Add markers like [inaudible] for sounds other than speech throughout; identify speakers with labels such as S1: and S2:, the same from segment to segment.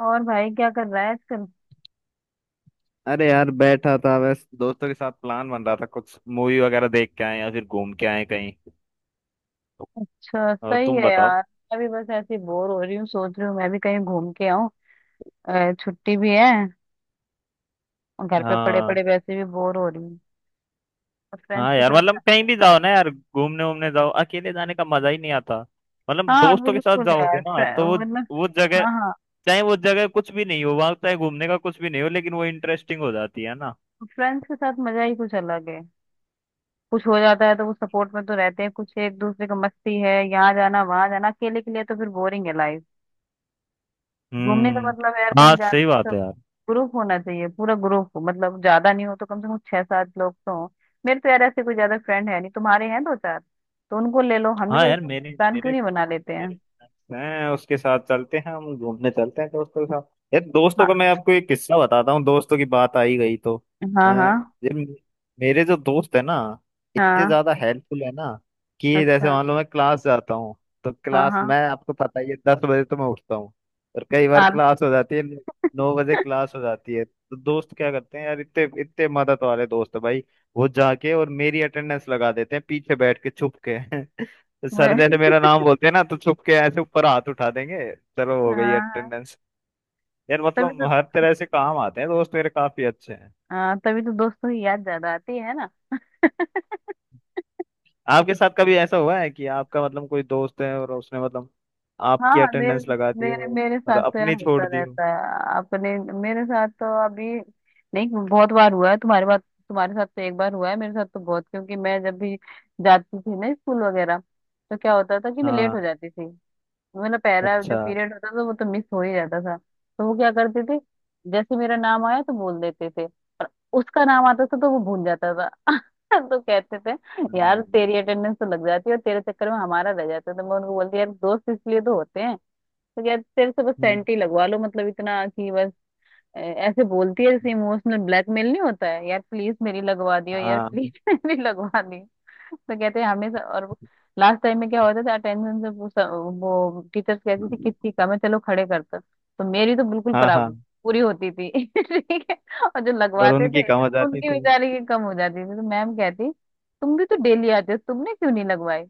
S1: और भाई क्या कर रहा है आजकल।
S2: अरे यार, बैठा था बस दोस्तों के साथ। प्लान बन रहा था कुछ मूवी वगैरह देख के आए या फिर घूम के आए कहीं।
S1: अच्छा
S2: और
S1: सही
S2: तुम
S1: है
S2: बताओ।
S1: यार। मैं भी बस ऐसे बोर हो रही हूँ, सोच रही हूँ मैं भी कहीं घूम के आऊँ। छुट्टी भी है। और घर पे पड़े
S2: हाँ।
S1: पड़े वैसे भी बोर हो रही हूँ। और फ्रेंड्स
S2: हाँ
S1: के
S2: यार,
S1: साथ।
S2: मतलब कहीं भी जाओ ना यार, घूमने वूमने जाओ, अकेले जाने का मजा ही नहीं आता। मतलब
S1: हाँ
S2: दोस्तों के साथ
S1: बिल्कुल यार।
S2: जाओगे ना तो
S1: वरना।
S2: वो जगह,
S1: हाँ हाँ।
S2: चाहे वो जगह कुछ भी नहीं हो, वहां चाहे घूमने का कुछ भी नहीं हो, लेकिन वो इंटरेस्टिंग हो जाती है ना।
S1: फ्रेंड्स के साथ मजा ही कुछ अलग है। कुछ हो जाता है तो वो सपोर्ट में तो रहते हैं, कुछ एक दूसरे का मस्ती है, यहाँ जाना वहां जाना। अकेले के लिए तो फिर बोरिंग है लाइफ। घूमने का
S2: हम्म।
S1: मतलब है यार कहीं
S2: हाँ सही
S1: जाना।
S2: बात है यार।
S1: ग्रुप होना चाहिए, पूरा ग्रुप मतलब ज्यादा नहीं हो तो कम से कम छह सात लोग तो हो। मेरे तो यार ऐसे कोई ज्यादा फ्रेंड है नहीं, तुम्हारे हैं दो चार, तो उनको ले लो। हम भी
S2: हाँ
S1: कोई
S2: यार, मेरे
S1: प्लान क्यों
S2: मेरे
S1: नहीं बना लेते हैं।
S2: मेरे, मैं उसके साथ चलते हैं, हम घूमने चलते हैं दोस्तों के साथ। यार दोस्तों
S1: हाँ
S2: का मैं आपको एक किस्सा बताता हूँ, दोस्तों की बात आई गई तो। अ,
S1: हाँ। हाँ
S2: ये मे- मेरे जो दोस्त है ना, इतने
S1: हाँ।
S2: ज्यादा हेल्पफुल है ना कि जैसे
S1: अच्छा।
S2: मान लो मैं क्लास जाता हूँ, तो
S1: हाँ
S2: क्लास,
S1: हाँ।
S2: मैं आपको पता ही है, 10 बजे तो मैं उठता हूँ। और कई बार
S1: आप।
S2: क्लास हो जाती है 9 बजे,
S1: [laughs]
S2: क्लास हो जाती है तो दोस्त क्या करते हैं यार, इतने इतने मदद वाले दोस्त है भाई। वो जाके और मेरी अटेंडेंस लगा देते हैं पीछे बैठ के छुप के। [laughs] सर
S1: वे-
S2: जैसे मेरा नाम बोलते हैं ना तो चुप के ऐसे ऊपर हाथ उठा देंगे, चलो हो गई
S1: हाँ हाँ,
S2: अटेंडेंस। यार
S1: तभी
S2: मतलब
S1: तो।
S2: हर तरह से काम आते हैं, दोस्त मेरे काफी अच्छे हैं।
S1: हाँ तभी तो दोस्तों की याद ज्यादा आती है ना।
S2: आपके साथ कभी ऐसा हुआ है कि आपका मतलब कोई दोस्त है और उसने मतलब आपकी
S1: हाँ मेरे।
S2: अटेंडेंस लगा दी
S1: मेरे
S2: हो,
S1: मेरे
S2: और
S1: साथ तो यार
S2: अपनी
S1: होता
S2: छोड़ दी हो?
S1: रहता है अपने। मेरे साथ तो अभी नहीं, बहुत बार हुआ है। तुम्हारे बात, तुम्हारे साथ तो एक बार हुआ है, मेरे साथ तो बहुत। क्योंकि मैं जब भी जाती थी ना स्कूल वगैरह, तो क्या होता था कि मैं लेट
S2: हाँ।
S1: हो जाती थी। मतलब पहला जो
S2: अच्छा।
S1: पीरियड होता था वो तो मिस हो ही जाता था, तो वो क्या करते थे, जैसे मेरा नाम आया तो बोल देते थे। उसका नाम आता था तो वो भूल जाता था। [laughs] तो कहते थे यार
S2: हम्म,
S1: तेरी अटेंडेंस तो लग जाती है और तेरे चक्कर में हमारा रह जाता था। मैं उनको बोलती यार दोस्त इसलिए तो होते हैं। तो यार तेरे से बस
S2: हम्म,
S1: सेंटी लगवा लो, मतलब इतना कि बस ऐसे बोलती है जैसे इमोशनल ब्लैकमेल नहीं होता है, यार प्लीज मेरी लगवा दियो, यार
S2: हाँ
S1: प्लीज [laughs] मेरी लगवा दियो। तो कहते हैं हमेशा। और लास्ट टाइम में क्या होता था, अटेंशन से पूछा, वो टीचर्स कहती थी किसकी कम है, चलो खड़े करता, तो मेरी तो बिल्कुल
S2: हाँ
S1: बराबर
S2: हाँ।
S1: पूरी होती थी। [laughs] ठीक है। और जो
S2: और
S1: लगवाते
S2: उनकी
S1: थे,
S2: कम हो जाती
S1: उनकी बेचारे की कम हो जाती थी, तो मैम कहती तुम भी तो डेली आते हो, तुमने क्यों नहीं लगवाई।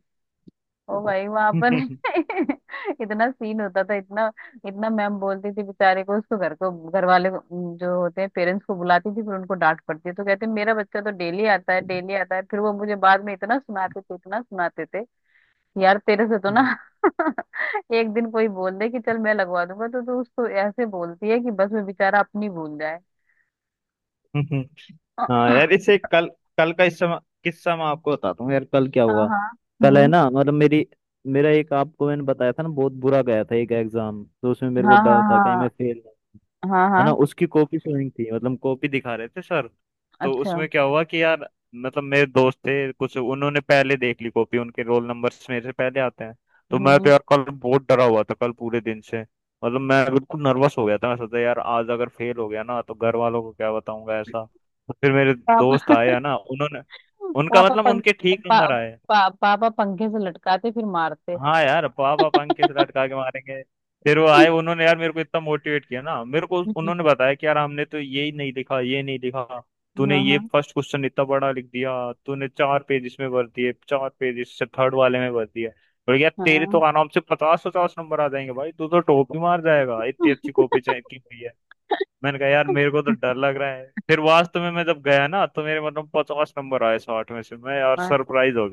S1: ओ भाई वहां पर [laughs] इतना सीन होता था, इतना इतना। मैम बोलती थी बेचारे को, उसको घर को, घर वाले को, जो होते हैं पेरेंट्स को बुलाती थी, फिर उनको डांट पड़ती है। तो कहते मेरा बच्चा तो डेली आता है, डेली आता है। फिर वो मुझे बाद में इतना सुनाते थे, इतना सुनाते थे, यार तेरे से तो ना
S2: थी।
S1: [laughs] एक दिन कोई बोल दे कि चल मैं लगवा दूंगा, तो तू उसको ऐसे बोलती है कि बस वो बेचारा अपनी भूल जाए।
S2: [laughs]
S1: [coughs]
S2: हाँ यार,
S1: हाँ।
S2: इससे कल, कल का इस समय किस्सा मैं आपको बताता हूँ यार, कल क्या हुआ।
S1: हाँ।
S2: कल है
S1: हम्म।
S2: ना, मतलब मेरी मेरा एक, आपको मैंने बताया था ना, बहुत बुरा गया था एक एग्जाम, तो उसमें मेरे को
S1: हाँ हाँ।
S2: डर था कहीं मैं
S1: हाँ
S2: फेल ना,
S1: हाँ।
S2: है
S1: हाँ।
S2: ना। उसकी कॉपी शोइंग थी, मतलब कॉपी दिखा रहे थे सर। तो
S1: अच्छा।
S2: उसमें क्या हुआ कि यार, मतलब मेरे दोस्त थे कुछ, उन्होंने पहले देख ली कॉपी, उनके रोल नंबर्स मेरे से पहले आते हैं। तो मैं तो
S1: हम्म।
S2: यार कल बहुत डरा हुआ था, कल पूरे दिन से मतलब मैं बिल्कुल नर्वस हो गया था। मैं सोचा यार आज अगर फेल हो गया ना तो घर वालों को क्या बताऊंगा, ऐसा। तो फिर मेरे
S1: पापा [laughs]
S2: दोस्त आए है ना, उन्होंने, उनका
S1: पापा
S2: मतलब
S1: पंख।
S2: उनके ठीक
S1: पा,
S2: नंबर आए।
S1: पा, पापा पंखे से लटकाते फिर मारते।
S2: हाँ यार पापा पंख किस लटका के मारेंगे। फिर वो आए,
S1: [laughs]
S2: उन्होंने यार मेरे को इतना मोटिवेट किया ना, मेरे को उन्होंने बताया कि यार हमने तो ये ही नहीं लिखा, ये नहीं लिखा। तूने
S1: हाँ
S2: ये
S1: हाँ।
S2: फर्स्ट क्वेश्चन इतना बड़ा लिख दिया, तूने चार पेज इसमें भर दिए, चार पेज इससे थर्ड वाले में भर दिए। और यार तेरे तो
S1: हाँ
S2: आराम से 50-50 नंबर आ जाएंगे भाई, तू तो टॉप ही मार जाएगा, इतनी अच्छी कॉपी चाहिए की हुई है। मैंने कहा यार मेरे को तो डर लग रहा है। फिर वास्तव में मैं जब गया ना तो मेरे मतलब 50 नंबर आए 60 में से, मैं यार
S1: हाँ,
S2: सरप्राइज हो।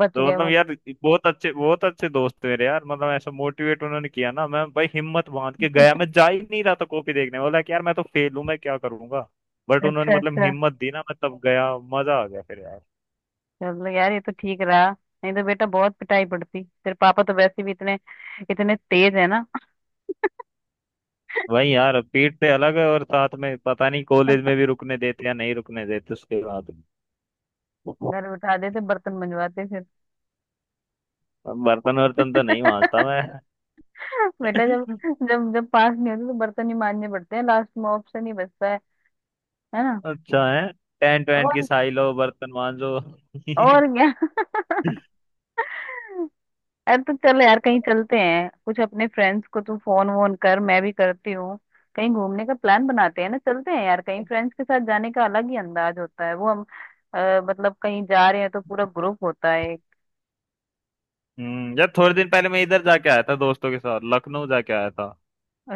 S1: बच
S2: तो
S1: गए
S2: मतलब
S1: मत।
S2: यार बहुत अच्छे दोस्त मेरे यार, मतलब ऐसा मोटिवेट उन्होंने किया ना, मैं भाई हिम्मत बांध के गया, मैं जा ही नहीं रहा था कॉपी देखने, बोला कि यार मैं तो फेल हूं, मैं क्या करूंगा। बट उन्होंने
S1: अच्छा
S2: मतलब
S1: अच्छा।
S2: हिम्मत दी ना, मैं तब गया, मजा आ गया फिर यार।
S1: चलो यार ये तो ठीक रहा, नहीं तो बेटा बहुत पिटाई पड़ती। तेरे पापा तो वैसे भी इतने इतने तेज है ना। [laughs]
S2: वही यार, पीठ से अलग है और साथ में पता नहीं कॉलेज में भी रुकने देते या नहीं रुकने देते उसके बाद।
S1: घर बिठा देते, बर्तन मंजवाते फिर।
S2: बर्तन वर्तन तो नहीं मांजता मैं।
S1: [laughs] बेटा जब
S2: [laughs]
S1: जब जब पास नहीं होते तो बर्तन ही मांजने पड़ते हैं, लास्ट में ऑप्शन ही बचता है ना।
S2: अच्छा है, टेंट वेंट की
S1: और
S2: साई लो बर्तन मांजो।
S1: और क्या। [laughs] अरे तो चल यार कहीं चलते हैं, कुछ अपने फ्रेंड्स को तू फोन वोन कर, मैं भी करती हूँ। कहीं घूमने का प्लान बनाते हैं ना, चलते हैं यार कहीं।
S2: [laughs]
S1: फ्रेंड्स के साथ जाने का अलग ही अंदाज होता है वो हम। मतलब कहीं जा रहे हैं तो पूरा ग्रुप होता है।
S2: हम्म, यार थोड़े दिन पहले मैं इधर जाके आया था दोस्तों के साथ, लखनऊ जाके आया था।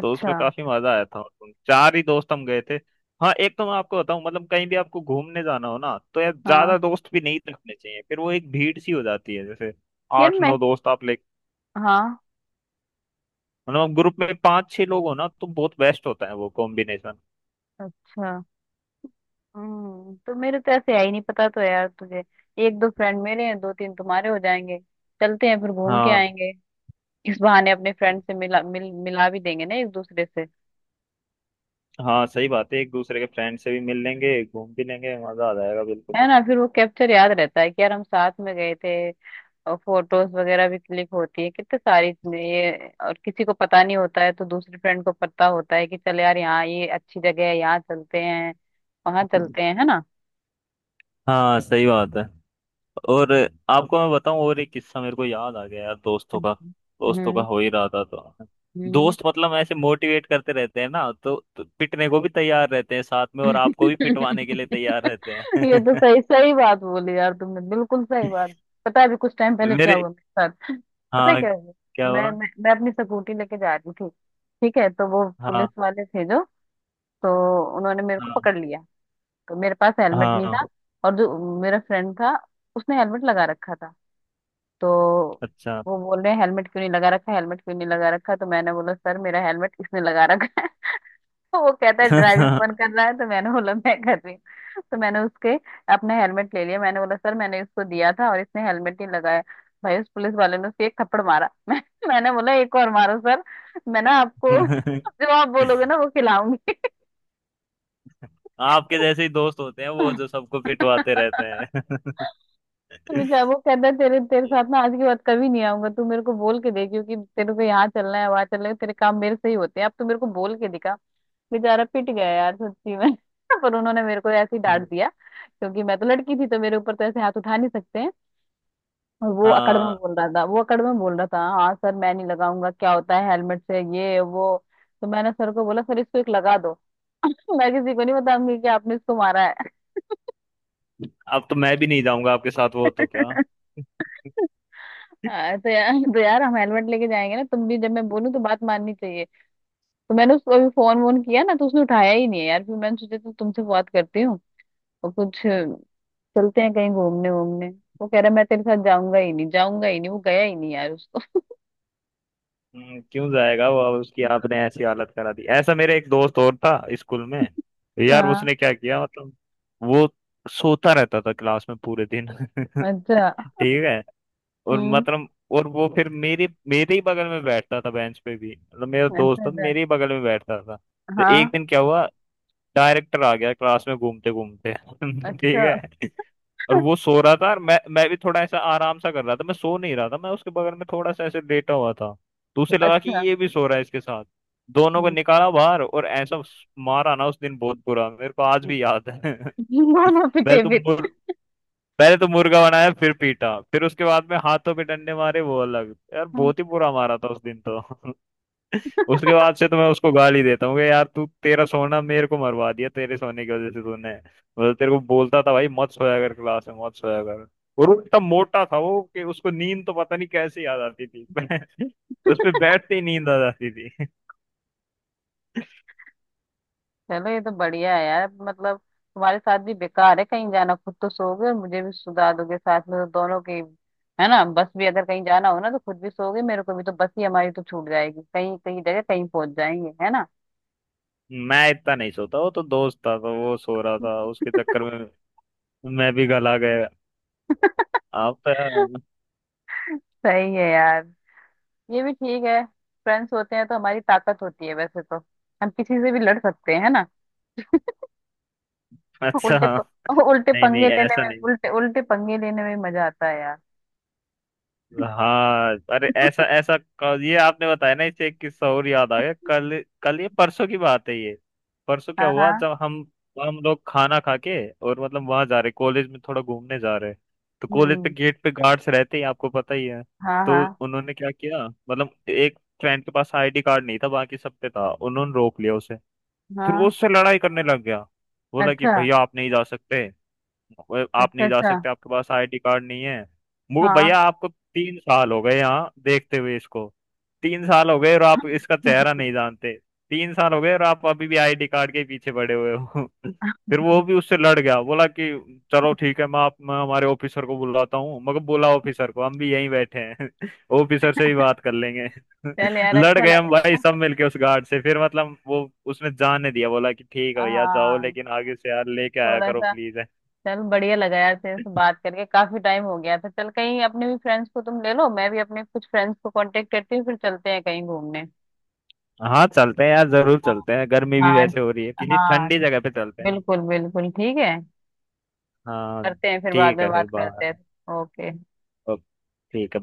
S2: तो उसमें काफी मजा आया था। चार ही दोस्त हम गए थे। हाँ एक तो मैं आपको बताऊं, मतलब कहीं भी आपको घूमने जाना हो ना तो यार ज्यादा
S1: हाँ
S2: दोस्त भी नहीं रखने चाहिए, फिर वो एक भीड़ सी हो जाती है, जैसे
S1: यार
S2: आठ
S1: मैं।
S2: नौ दोस्त आप ले।
S1: हाँ।
S2: मतलब आप ग्रुप में 5-6 लोग हो ना तो बहुत बेस्ट होता है वो कॉम्बिनेशन।
S1: अच्छा। तो मेरे तो ऐसे है ही नहीं पता, तो यार तुझे एक दो फ्रेंड मेरे हैं, दो तीन तुम्हारे, हो जाएंगे। चलते हैं फिर घूम के
S2: हाँ।
S1: आएंगे। इस बहाने अपने फ्रेंड से मिला भी देंगे ना एक दूसरे से,
S2: हाँ सही बात है, एक दूसरे के फ्रेंड से भी मिल लेंगे, घूम भी लेंगे, मजा आ जाएगा
S1: है
S2: बिल्कुल।
S1: ना। फिर वो कैप्चर याद रहता है कि यार हम साथ में गए थे। और फोटोज वगैरह भी क्लिक होती है, कितने सारी चीजें ये। और किसी को पता नहीं होता है तो दूसरी फ्रेंड को पता होता है कि चल यार यहाँ ये अच्छी जगह है, यहाँ चलते हैं, वहां चलते हैं, है ना।
S2: हाँ सही बात है। और आपको मैं बताऊं, और एक किस्सा मेरे को याद आ गया यार, दोस्तों का।
S1: हम्म।
S2: दोस्तों का
S1: हम्म।
S2: हो ही रहा था तो।
S1: हम्म।
S2: दोस्त मतलब ऐसे मोटिवेट करते रहते हैं ना तो पिटने को भी तैयार रहते हैं साथ में, और आपको भी पिटवाने के लिए तैयार
S1: [laughs]
S2: रहते
S1: ये तो
S2: हैं।
S1: सही, सही बात बोली यार तुमने, बिल्कुल सही बात। पता है अभी कुछ टाइम पहले
S2: [laughs]
S1: क्या
S2: मेरे,
S1: हुआ मेरे साथ, पता है
S2: हाँ
S1: क्या हुआ।
S2: क्या हुआ।
S1: मैं अपनी स्कूटी लेके जा रही थी। ठीक है, तो वो
S2: हाँ
S1: पुलिस वाले थे जो, तो उन्होंने मेरे को
S2: हाँ
S1: पकड़ लिया। तो मेरे पास हेलमेट नहीं
S2: हाँ।
S1: था, और जो मेरा फ्रेंड था उसने हेलमेट लगा रखा था। तो
S2: अच्छा।
S1: वो बोल रहे हैं हेलमेट क्यों नहीं लगा रखा, हेलमेट क्यों नहीं लगा रखा। तो मैंने बोला सर मेरा हेलमेट इसने लगा रखा है। [laughs] तो वो कहता है ड्राइविंग कौन कर रहा है, तो मैंने बोला मैं कर रही हूँ। तो मैंने उसके अपना हेलमेट ले लिया, मैंने बोला सर मैंने इसको दिया था और इसने हेलमेट नहीं लगाया। भाई उस पुलिस वाले ने उसे एक थप्पड़ मारा। [laughs] मैंने बोला एक और मारो सर, मैं ना आपको
S2: [laughs]
S1: जो आप बोलोगे ना वो खिलाऊंगी।
S2: आपके जैसे ही दोस्त होते हैं वो, जो सबको पिटवाते रहते
S1: [laughs] [laughs]
S2: हैं।
S1: मुझे वो कहता है तेरे तेरे साथ ना आज के बाद कभी नहीं आऊंगा, तू मेरे को बोल के दे, क्योंकि तेरे को यहाँ चलना है वहां चलना है, तेरे काम मेरे से ही होते हैं, अब तू मेरे को बोल के दिखा। बेचारा पिट गया यार सच्ची में। [laughs] पर उन्होंने मेरे को ऐसे ही डांट
S2: [laughs]
S1: दिया, क्योंकि मैं तो लड़की थी तो मेरे ऊपर तो ऐसे हाथ उठा नहीं सकते हैं। और वो अकड़ में
S2: हाँ,
S1: बोल रहा था, वो अकड़ में बोल रहा था हाँ सर मैं नहीं लगाऊंगा, क्या होता है हेलमेट से, ये वो। तो मैंने सर को बोला सर इसको एक लगा दो। [laughs] मैं किसी को नहीं बताऊंगी कि आपने इसको मारा
S2: अब तो मैं भी नहीं जाऊंगा आपके साथ,
S1: है।
S2: वो तो क्या।
S1: [laughs]
S2: [laughs]
S1: हाँ, तो यार, तो यार हम हेलमेट लेके जाएंगे ना, तुम भी जब मैं बोलूँ तो बात माननी चाहिए। तो मैंने उसको अभी फोन वोन किया ना, तो उसने उठाया ही नहीं है यार, फिर मैंने सोचा तो तुमसे बात करती हूँ और कुछ चलते हैं कहीं घूमने वूमने। वो कह रहा मैं तेरे साथ जाऊंगा ही नहीं, जाऊंगा ही नहीं, वो गया ही नहीं यार उसको।
S2: क्यों जाएगा वो अब, उसकी
S1: [laughs]
S2: आपने ऐसी हालत करा दी। ऐसा मेरे एक दोस्त और था स्कूल में, यार
S1: हाँ।
S2: उसने क्या किया मतलब, वो सोता रहता था क्लास में पूरे दिन। [laughs]
S1: अच्छा।
S2: ठीक है, और
S1: हम्म।
S2: मतलब और वो फिर मेरे मेरे ही बगल में बैठता था बेंच पे भी, मतलब मेरा दोस्त
S1: अच्छा अच्छा।
S2: था तो मेरे ही बगल में बैठता था, तो एक
S1: हाँ।
S2: दिन क्या हुआ, डायरेक्टर आ गया क्लास में घूमते घूमते। [laughs] ठीक
S1: अच्छा
S2: है, और वो सो रहा था, और मैं भी थोड़ा ऐसा आराम सा कर रहा था, मैं सो नहीं रहा था, मैं उसके बगल में थोड़ा सा ऐसे लेटा हुआ था। तो उसे लगा कि
S1: अच्छा।
S2: ये भी सो रहा है इसके साथ, दोनों को
S1: हम्म,
S2: निकाला बाहर, और ऐसा मारा ना उस दिन, बहुत बुरा, मेरे को आज
S1: [laughs]
S2: भी याद है। [laughs] पहले
S1: दोनों पिटे
S2: तो
S1: फिर।
S2: मुर पहले तो मुर्गा बनाया, फिर पीटा, फिर उसके बाद में हाथों पे डंडे मारे वो अलग, यार बहुत ही बुरा मारा था उस दिन तो। [laughs] उसके बाद से तो मैं उसको गाली देता हूँ कि यार तू, तेरा सोना मेरे को मरवा दिया, तेरे सोने की वजह से, तूने मतलब, तेरे को बोलता था भाई मत सोया कर क्लास में, मत सोया कर। और वो इतना मोटा था वो, कि उसको नींद तो पता नहीं कैसे याद आती थी। [laughs] उस पे बैठते ही नींद आ जाती थी।
S1: चलो ये तो बढ़िया है यार, मतलब तुम्हारे साथ भी बेकार है कहीं जाना, खुद तो सोओगे और मुझे भी सुला दोगे साथ में, तो दोनों की, है ना। बस भी अगर कहीं जाना हो ना तो खुद भी सोओगे, मेरे को भी, तो बस ही हमारी तो छूट जाएगी, कहीं कहीं जगह कहीं पहुंच जाएंगे, है ना।
S2: [laughs] मैं इतना नहीं सोता, वो तो दोस्त था तो वो सो रहा था, उसके चक्कर में मैं भी गला गया।
S1: [laughs]
S2: आप तो यार।
S1: सही है यार, ये भी ठीक है। फ्रेंड्स होते हैं तो हमारी ताकत होती है वैसे तो, हम किसी से भी लड़ सकते हैं, है ना।
S2: [laughs] अच्छा
S1: उल्टे
S2: हाँ।
S1: प, उल्टे
S2: नहीं नहीं
S1: पंगे लेने
S2: ऐसा
S1: में,
S2: नहीं।
S1: उल्टे उल्टे पंगे लेने में मजा आता है यार।
S2: हाँ अरे ऐसा
S1: [laughs]
S2: ऐसा ये आपने बताया ना, इससे एक किस्सा और याद आ गया, कल कल ये परसों की बात है ये। परसों क्या
S1: हाँ
S2: हुआ,
S1: हाँ।
S2: जब हम लोग खाना खा के और मतलब वहां जा रहे कॉलेज में थोड़ा घूमने जा रहे। तो कॉलेज पे
S1: हम्म।
S2: गेट पे गार्ड्स रहते हैं, आपको पता ही है।
S1: हाँ
S2: तो
S1: हाँ
S2: उन्होंने क्या किया, मतलब एक फ्रेंड के पास आईडी कार्ड नहीं था, बाकी सब पे था, उन्होंने रोक लिया उसे। फिर वो
S1: हाँ।
S2: उससे लड़ाई करने लग गया, बोला कि
S1: अच्छा
S2: भैया आप नहीं जा सकते, वो आप
S1: अच्छा।
S2: नहीं जा
S1: अच्छा
S2: सकते, आपके पास आईडी कार्ड नहीं है। मुझे
S1: हाँ।
S2: भैया आपको 3 साल हो गए यहाँ देखते हुए इसको, 3 साल हो गए और आप इसका चेहरा
S1: [laughs]
S2: नहीं जानते, 3 साल हो गए और आप अभी भी आईडी कार्ड के पीछे पड़े हुए हो। [laughs] फिर वो भी उससे लड़ गया, बोला कि चलो ठीक है, मैं हमारे ऑफिसर को बुलाता हूँ, मगर बोला ऑफिसर को, हम भी यहीं बैठे हैं। [laughs] ऑफिसर से ही बात कर लेंगे।
S1: चल
S2: [laughs]
S1: यार
S2: लड़
S1: अच्छा
S2: गए
S1: लगा।
S2: हम भाई सब मिलके उस गार्ड से, फिर मतलब वो उसने जाने दिया, बोला कि ठीक है भैया जाओ,
S1: हाँ
S2: लेकिन आगे से यार लेके आया
S1: थोड़ा
S2: करो
S1: सा।
S2: प्लीज।
S1: चल बढ़िया लगा यार, तेरे से बात करके काफी टाइम हो गया था। चल कहीं, अपने भी फ्रेंड्स को तुम ले लो, मैं भी अपने कुछ फ्रेंड्स को कांटेक्ट करती हूँ, फिर चलते हैं कहीं घूमने।
S2: हाँ चलते हैं यार, जरूर
S1: हाँ
S2: चलते हैं, गर्मी भी
S1: हाँ
S2: वैसे हो रही है, किसी
S1: हाँ।
S2: ठंडी जगह पे चलते हैं।
S1: बिल्कुल बिल्कुल ठीक है।
S2: हाँ
S1: करते हैं, फिर बाद
S2: ठीक
S1: में
S2: है फिर
S1: बात करते
S2: बाय।
S1: हैं। ओके।
S2: ओ, ठीक है।